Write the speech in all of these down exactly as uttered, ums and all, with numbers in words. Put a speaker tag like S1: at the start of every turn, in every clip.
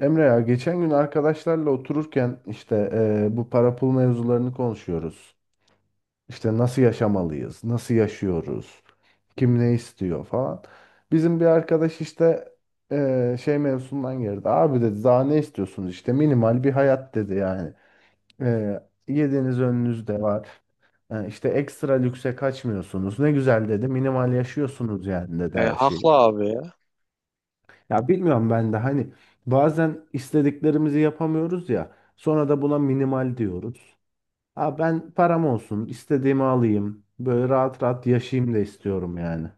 S1: Emre ya geçen gün arkadaşlarla otururken işte eee, bu para pul mevzularını konuşuyoruz. İşte nasıl yaşamalıyız, nasıl yaşıyoruz, kim ne istiyor falan. Bizim bir arkadaş işte eee, şey mevzusundan girdi. Abi dedi daha ne istiyorsunuz işte minimal bir hayat dedi yani. Eee Yediğiniz önünüzde var. Yani işte ekstra lükse kaçmıyorsunuz. Ne güzel dedi minimal yaşıyorsunuz yani dedi
S2: E,
S1: her
S2: haklı
S1: şeyi.
S2: abi ya.
S1: Ya bilmiyorum ben de hani bazen istediklerimizi yapamıyoruz ya sonra da buna minimal diyoruz. Ha ben param olsun istediğimi alayım böyle rahat rahat yaşayayım da istiyorum yani.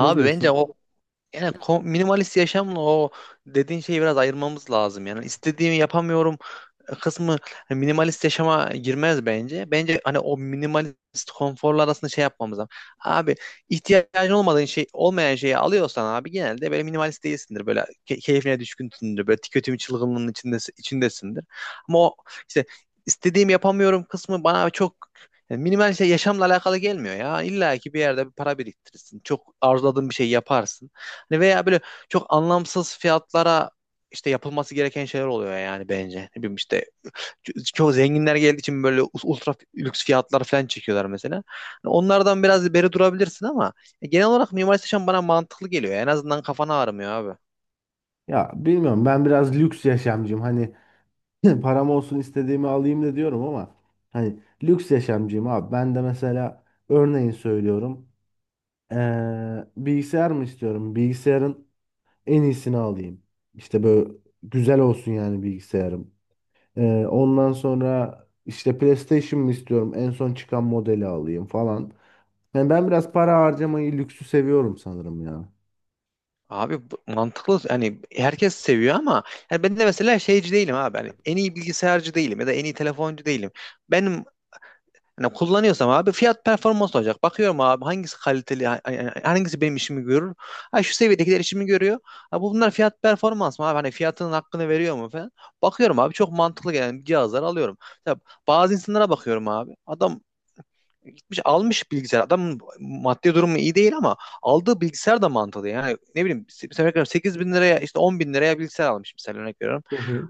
S1: Ne
S2: bence
S1: diyorsun?
S2: o, yani ko- minimalist yaşamla o dediğin şeyi biraz ayırmamız lazım. Yani istediğimi yapamıyorum kısmı hani minimalist yaşama girmez bence. Bence hani o minimalist konforlar arasında şey yapmamız lazım. Abi ihtiyacın olmadığın şey olmayan şeyi alıyorsan abi genelde böyle minimalist değilsindir. Böyle ke- keyfine düşkünsündür. Böyle tüketim çılgınlığının içinde, içindesindir. Ama o işte istediğim yapamıyorum kısmı bana çok yani minimal şey yaşamla alakalı gelmiyor ya. İlla ki bir yerde bir para biriktirirsin. Çok arzuladığın bir şey yaparsın. Hani veya böyle çok anlamsız fiyatlara işte yapılması gereken şeyler oluyor yani bence. Ne bileyim işte Ço- çoğu zenginler geldiği için böyle us- ultra lüks fiyatlar falan çekiyorlar mesela. Hani onlardan biraz beri durabilirsin ama e, genel olarak Mimar Sinan bana mantıklı geliyor. En azından kafana ağrımıyor abi.
S1: Ya bilmiyorum ben biraz lüks yaşamcıyım hani param olsun istediğimi alayım da diyorum ama hani lüks yaşamcıyım abi ben de mesela örneğin söylüyorum ee, bilgisayar mı istiyorum bilgisayarın en iyisini alayım. İşte böyle güzel olsun yani bilgisayarım. Ee, ondan sonra işte PlayStation mı istiyorum? En son çıkan modeli alayım falan. Yani ben biraz para harcamayı, lüksü seviyorum sanırım ya.
S2: Abi bu- mantıklı yani herkes seviyor ama yani ben de mesela şeyci değilim abi. Hani en iyi bilgisayarcı değilim ya da en iyi telefoncu değilim. Benim hani kullanıyorsam abi fiyat performans olacak. Bakıyorum abi hangisi kaliteli, ha- ha- hangisi benim işimi görür. Ha şu seviyedekiler işimi görüyor. Ha bu bunlar fiyat performans mı abi? Hani fiyatının hakkını veriyor mu falan. Bakıyorum abi çok mantıklı gelen cihazları alıyorum. Ya bazı insanlara bakıyorum abi. Adam gitmiş almış bilgisayar. Adamın maddi durumu iyi değil ama aldığı bilgisayar da mantıklı. Yani ne bileyim se- mesela sekiz bin liraya işte on bin liraya bilgisayar almış mesela örnek veriyorum.
S1: Hı hı.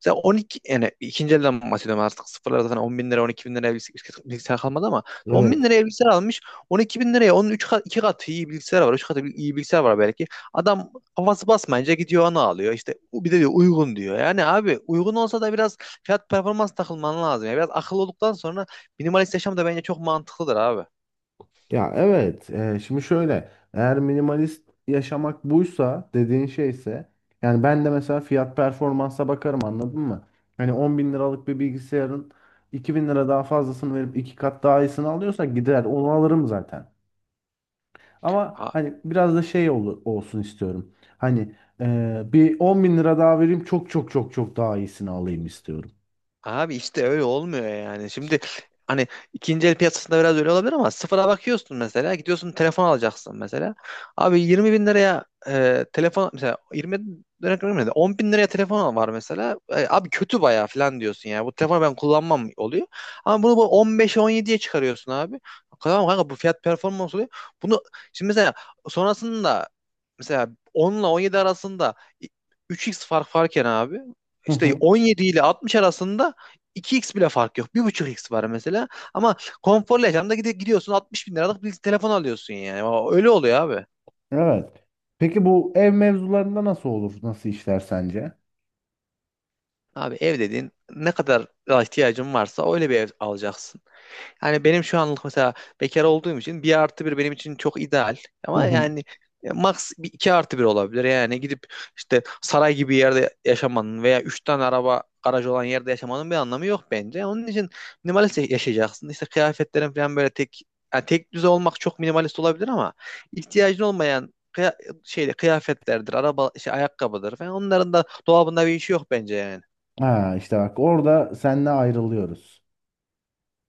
S2: Mesela on iki, yani ikinci elden bahsediyorum, artık sıfırlar zaten on bin lira on iki bin liraya bilgisayar, bilgisayar kalmadı ama on bin
S1: Evet.
S2: liraya bilgisayar almış, on iki bin liraya onun üç kat, iki katı iyi bilgisayar var, üç katı iyi bilgisayar var belki. Adam kafası basmayınca gidiyor onu alıyor işte, bir de diyor uygun diyor. Yani abi uygun olsa da biraz fiyat performans takılman lazım ya, biraz akıllı olduktan sonra minimalist yaşam da bence çok mantıklıdır abi.
S1: Ya evet. Ee, şimdi şöyle. Eğer minimalist yaşamak buysa dediğin şeyse yani ben de mesela fiyat performansa bakarım anladın mı? Hani on bin liralık bir bilgisayarın iki bin lira daha fazlasını verip iki kat daha iyisini alıyorsa gider onu alırım zaten. Ama hani biraz da şey ol- olsun istiyorum. Hani e, bir on bin lira daha vereyim çok çok çok çok daha iyisini alayım istiyorum.
S2: Abi işte öyle olmuyor yani. Şimdi hani ikinci el piyasasında biraz öyle olabilir ama sıfıra bakıyorsun mesela. Gidiyorsun telefon alacaksın mesela. Abi yirmi bin liraya e, telefon, mesela yirmi bin liraya görmedim de bin liraya telefon var mesela. E, abi kötü bayağı falan diyorsun ya. Bu telefonu ben kullanmam oluyor. Ama bunu bu on beşe on yediye çıkarıyorsun abi. Tamam kanka, bu fiyat performans oluyor. Bunu şimdi mesela sonrasında, mesela on ile on yedi arasında üç çarpı fark varken abi
S1: Hı
S2: işte
S1: hı.
S2: on yedi ile altmış arasında iki çarpı bile fark yok, bir buçuk x var mesela. Ama konforlu yaşamda gidi- gidiyorsun altmış bin liralık bir telefon alıyorsun yani. O- öyle oluyor abi.
S1: Evet. Peki bu ev mevzularında nasıl olur? Nasıl işler sence?
S2: Abi ev dediğin, ne kadar ihtiyacın varsa öyle bir ev alacaksın. Yani benim şu anlık mesela, bekar olduğum için, bir artı bir benim için çok ideal.
S1: Hı
S2: Ama
S1: hı.
S2: yani max bir iki artı bir olabilir. Yani gidip işte saray gibi yerde yaşamanın veya üç tane araba garaj olan yerde yaşamanın bir anlamı yok bence. Onun için minimalist yaşayacaksın. İşte kıyafetlerin falan böyle tek, yani tek düze olmak çok minimalist olabilir ama ihtiyacın olmayan kıya- şeyde, kıyafetlerdir, araba şey ayakkabıdır falan, onların da dolabında bir işi yok bence yani.
S1: Ha işte bak orada seninle ayrılıyoruz.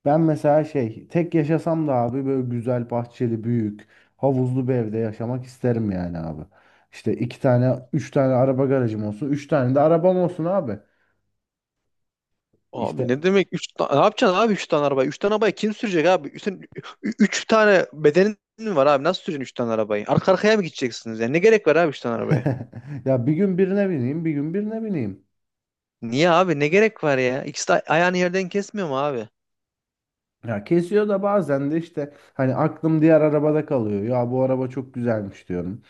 S1: Ben mesela şey tek yaşasam da abi böyle güzel bahçeli büyük havuzlu bir evde yaşamak isterim yani abi. İşte iki tane üç tane araba garajım olsun. Üç tane de arabam olsun abi.
S2: Abi
S1: İşte
S2: ne demek üç tane? Ne yapacaksın abi üç tane araba, üç tane arabayı kim sürecek abi? üç 3 tane bedenin mi var abi? Nasıl süreceksin üç tane arabayı? Arka arkaya mı gideceksiniz yani? Ne gerek var abi üç tane arabaya?
S1: ya bir gün birine bineyim, bir gün birine bineyim.
S2: Niye abi? Ne gerek var ya? İkisi de ayağını yerden kesmiyor mu abi?
S1: Ya kesiyor da bazen de işte hani aklım diğer arabada kalıyor. Ya bu araba çok güzelmiş diyorum.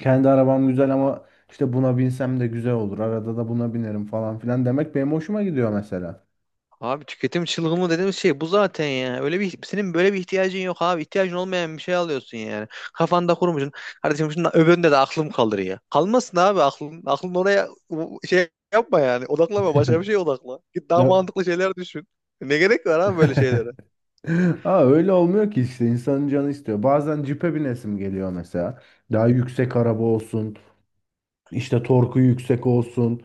S1: Kendi arabam güzel ama işte buna binsem de güzel olur. Arada da buna binerim falan filan demek benim hoşuma gidiyor mesela.
S2: Abi tüketim çılgını dediğimiz şey bu zaten ya. Öyle bir, senin böyle bir ihtiyacın yok abi. İhtiyacın olmayan bir şey alıyorsun yani. Kafanda kurmuşsun. Kardeşim şundan öbüründe de aklım kalır ya. Kalmasın abi aklın. Aklın oraya u- şey yapma yani. Odaklama, başka bir şeye odakla. Git daha
S1: Ya...
S2: mantıklı şeyler düşün. Ne gerek var abi böyle şeylere?
S1: Aa, öyle olmuyor ki işte insanın canı istiyor. Bazen cipe binesim geliyor mesela. Daha yüksek araba olsun, işte torku yüksek olsun.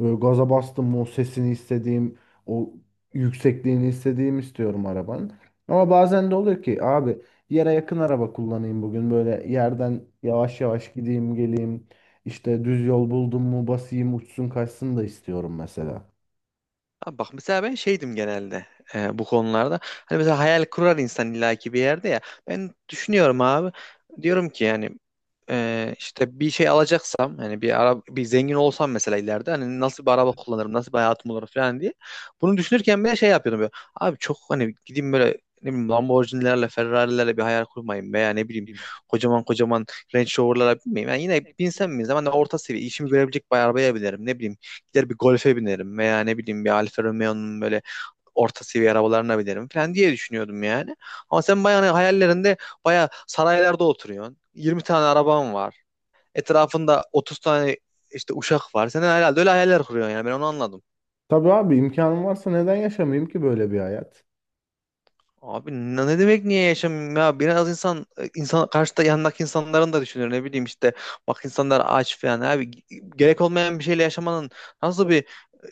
S1: Böyle gaza bastım o sesini istediğim, o yüksekliğini istediğim istiyorum arabanın. Ama bazen de oluyor ki abi yere yakın araba kullanayım bugün. Böyle yerden yavaş yavaş gideyim geleyim. İşte düz yol buldum mu basayım uçsun kaçsın da istiyorum mesela.
S2: Abi bak mesela ben şeydim genelde e, bu konularda. Hani mesela hayal kurar insan illaki bir yerde ya. Ben düşünüyorum abi. Diyorum ki yani e, işte bir şey alacaksam, hani bir ara bir zengin olsam mesela ileride, hani nasıl bir araba kullanırım, nasıl bir hayatım olur falan diye. Bunu düşünürken ben şey yapıyordum böyle. Abi çok hani gideyim böyle ne bileyim Lamborghini'lerle, Ferrari'lerle bir hayal kurmayayım, veya ne bileyim kocaman kocaman Range Rover'lara binmeyeyim. Yani yine binsem mi zaman orta seviye işimi görebilecek bir arabaya binerim. Ne bileyim gider bir Golf'e binerim veya ne bileyim bir Alfa Romeo'nun böyle orta seviye arabalarına binerim falan diye düşünüyordum yani. Ama sen bayağı hani hayallerinde bayağı saraylarda oturuyorsun, yirmi tane araban var. Etrafında otuz tane işte uşak var. Sen herhalde öyle hayaller kuruyorsun, yani ben onu anladım.
S1: Tabii abi imkanım varsa neden yaşamayayım ki böyle bir hayat?
S2: Abi ne ne demek niye yaşamıyorum ya? Biraz insan, e, insan karşıda yanındaki insanların da düşünür, ne bileyim işte, bak insanlar aç falan abi. Gerek olmayan bir şeyle yaşamanın nasıl bir e,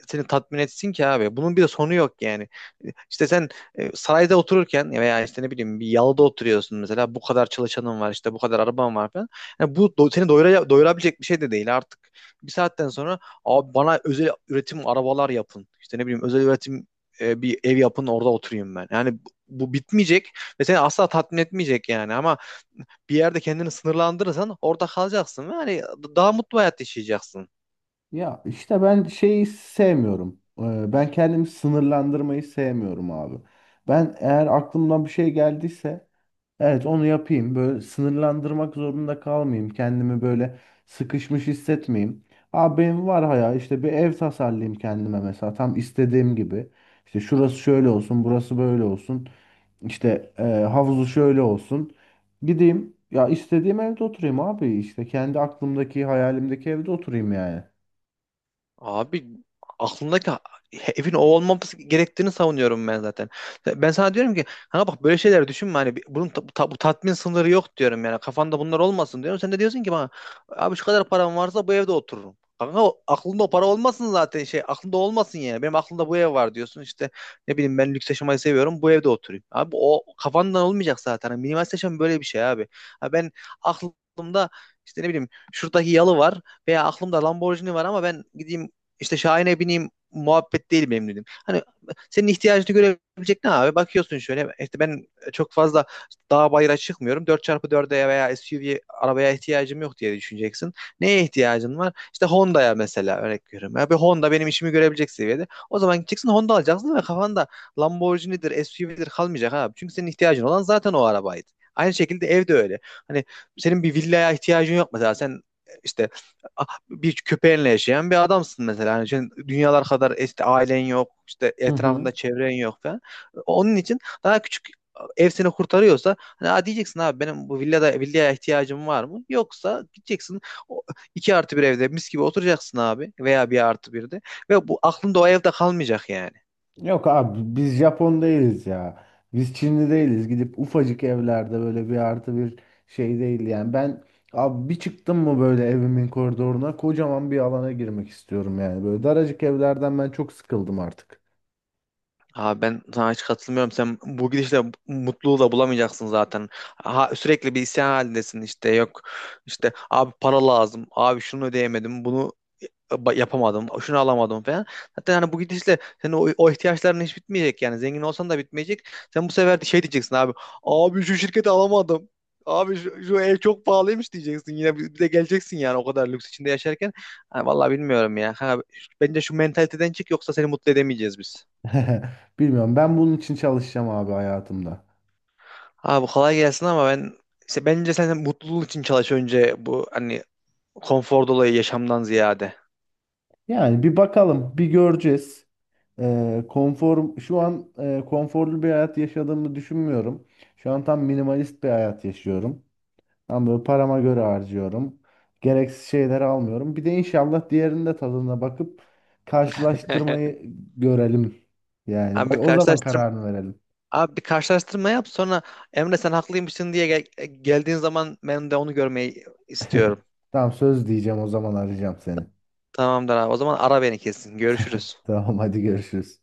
S2: seni tatmin etsin ki abi? Bunun bir de sonu yok yani. E, İşte sen e, sarayda otururken veya işte ne bileyim bir yalıda oturuyorsun mesela, bu kadar çalışanın var, işte bu kadar araban var falan. Yani bu do- seni doyura- doyurabilecek bir şey de değil artık. Bir saatten sonra abi bana özel üretim arabalar yapın. İşte ne bileyim özel üretim e, bir ev yapın orada oturayım ben. Yani bu bitmeyecek ve seni asla tatmin etmeyecek yani. Ama bir yerde kendini sınırlandırırsan orada kalacaksın. Yani daha mutlu hayat yaşayacaksın.
S1: Ya işte ben şeyi sevmiyorum. Ee, Ben kendimi sınırlandırmayı sevmiyorum abi. Ben eğer aklımdan bir şey geldiyse evet onu yapayım. Böyle sınırlandırmak zorunda kalmayayım. Kendimi böyle sıkışmış hissetmeyeyim. Abi benim var hayal işte bir ev tasarlayayım kendime mesela tam istediğim gibi. İşte şurası şöyle olsun, burası böyle olsun. İşte e, havuzu şöyle olsun. Gideyim ya istediğim evde oturayım abi işte kendi aklımdaki hayalimdeki evde oturayım yani.
S2: Abi, aklındaki evin o olmaması gerektiğini savunuyorum ben zaten. Ben sana diyorum ki ha bak, böyle şeyler düşünme, hani bir- bunun ta- bu ta- bu tatmin sınırı yok diyorum, yani kafanda bunlar olmasın diyorum. Sen de diyorsun ki bana, abi şu kadar param varsa bu evde otururum. Kanka o- aklında o para olmasın zaten, şey aklında olmasın yani. Benim aklımda bu ev var diyorsun, işte ne bileyim ben lüks yaşamayı seviyorum, bu evde oturayım. Abi o kafandan olmayacak zaten. Hani minimalist yaşam böyle bir şey abi. Ha ben aklımda işte ne bileyim şuradaki yalı var veya aklımda Lamborghini var ama ben gideyim işte Şahin'e bineyim muhabbet değil benim dedim. Hani senin ihtiyacını görebilecek ne abi? Bakıyorsun şöyle işte, ben çok fazla dağ bayıra çıkmıyorum. Dört çarpı dörde veya S U V arabaya ihtiyacım yok diye düşüneceksin. Neye ihtiyacın var? İşte Honda'ya mesela, örnek veriyorum. Ya bir Honda benim işimi görebilecek seviyede. O zaman gideceksin Honda alacaksın ve kafanda Lamborghini'dir, S U V'dir kalmayacak abi. Çünkü senin ihtiyacın olan zaten o arabaydı. Aynı şekilde evde öyle. Hani senin bir villaya ihtiyacın yok mesela. Sen işte bir köpeğinle yaşayan bir adamsın mesela. Yani sen dünyalar kadar, işte ailen yok, işte
S1: Hı hı.
S2: etrafında çevren yok falan. Onun için daha küçük ev seni kurtarıyorsa, hani "Aa," diyeceksin abi, benim bu villada, villaya ihtiyacım var mı? Yoksa gideceksin o iki artı bir evde mis gibi oturacaksın abi, veya bir artı birde. Ve bu aklında o evde kalmayacak yani.
S1: Yok abi biz Japon değiliz ya. Biz Çinli değiliz. Gidip ufacık evlerde böyle bir artı bir şey değil yani. Ben abi bir çıktım mı böyle evimin koridoruna kocaman bir alana girmek istiyorum yani. Böyle daracık evlerden ben çok sıkıldım artık.
S2: Abi ben sana hiç katılmıyorum. Sen bu gidişle mutluluğu da bulamayacaksın zaten. Ha, sürekli bir isyan halindesin. İşte yok, işte abi para lazım, abi şunu ödeyemedim, bunu e, ba- yapamadım, şunu alamadım falan. Zaten hani bu gidişle senin o, o ihtiyaçların hiç bitmeyecek yani. Zengin olsan da bitmeyecek. Sen bu sefer de şey diyeceksin abi. Abi şu şirketi alamadım. Abi şu, şu ev çok pahalıymış diyeceksin. Yine bir bir de geleceksin yani, o kadar lüks içinde yaşarken. Ha, vallahi bilmiyorum ya. Ha, bence şu mentaliteden çık, yoksa seni mutlu edemeyeceğiz biz.
S1: Bilmiyorum ben bunun için çalışacağım abi hayatımda.
S2: Abi kolay gelsin ama ben, işte bence sen mutluluğun için çalış önce, bu hani konfor dolayı yaşamdan ziyade.
S1: Yani bir bakalım bir göreceğiz. Ee, konfor şu an e, konforlu bir hayat yaşadığımı düşünmüyorum. Şu an tam minimalist bir hayat yaşıyorum. Ama böyle parama göre harcıyorum. Gereksiz şeyleri almıyorum. Bir de inşallah diğerinin de tadına bakıp karşılaştırmayı görelim. Yani
S2: Abi bir
S1: bak o zaman
S2: karşılaştırma
S1: kararını verelim.
S2: Abi bir karşılaştırma yap, sonra Emre sen haklıymışsın diye gel- e, geldiğin zaman ben de onu görmeyi istiyorum.
S1: Tamam söz diyeceğim o zaman arayacağım seni.
S2: Tamamdır abi. O zaman ara beni kesin. Görüşürüz.
S1: Tamam hadi görüşürüz.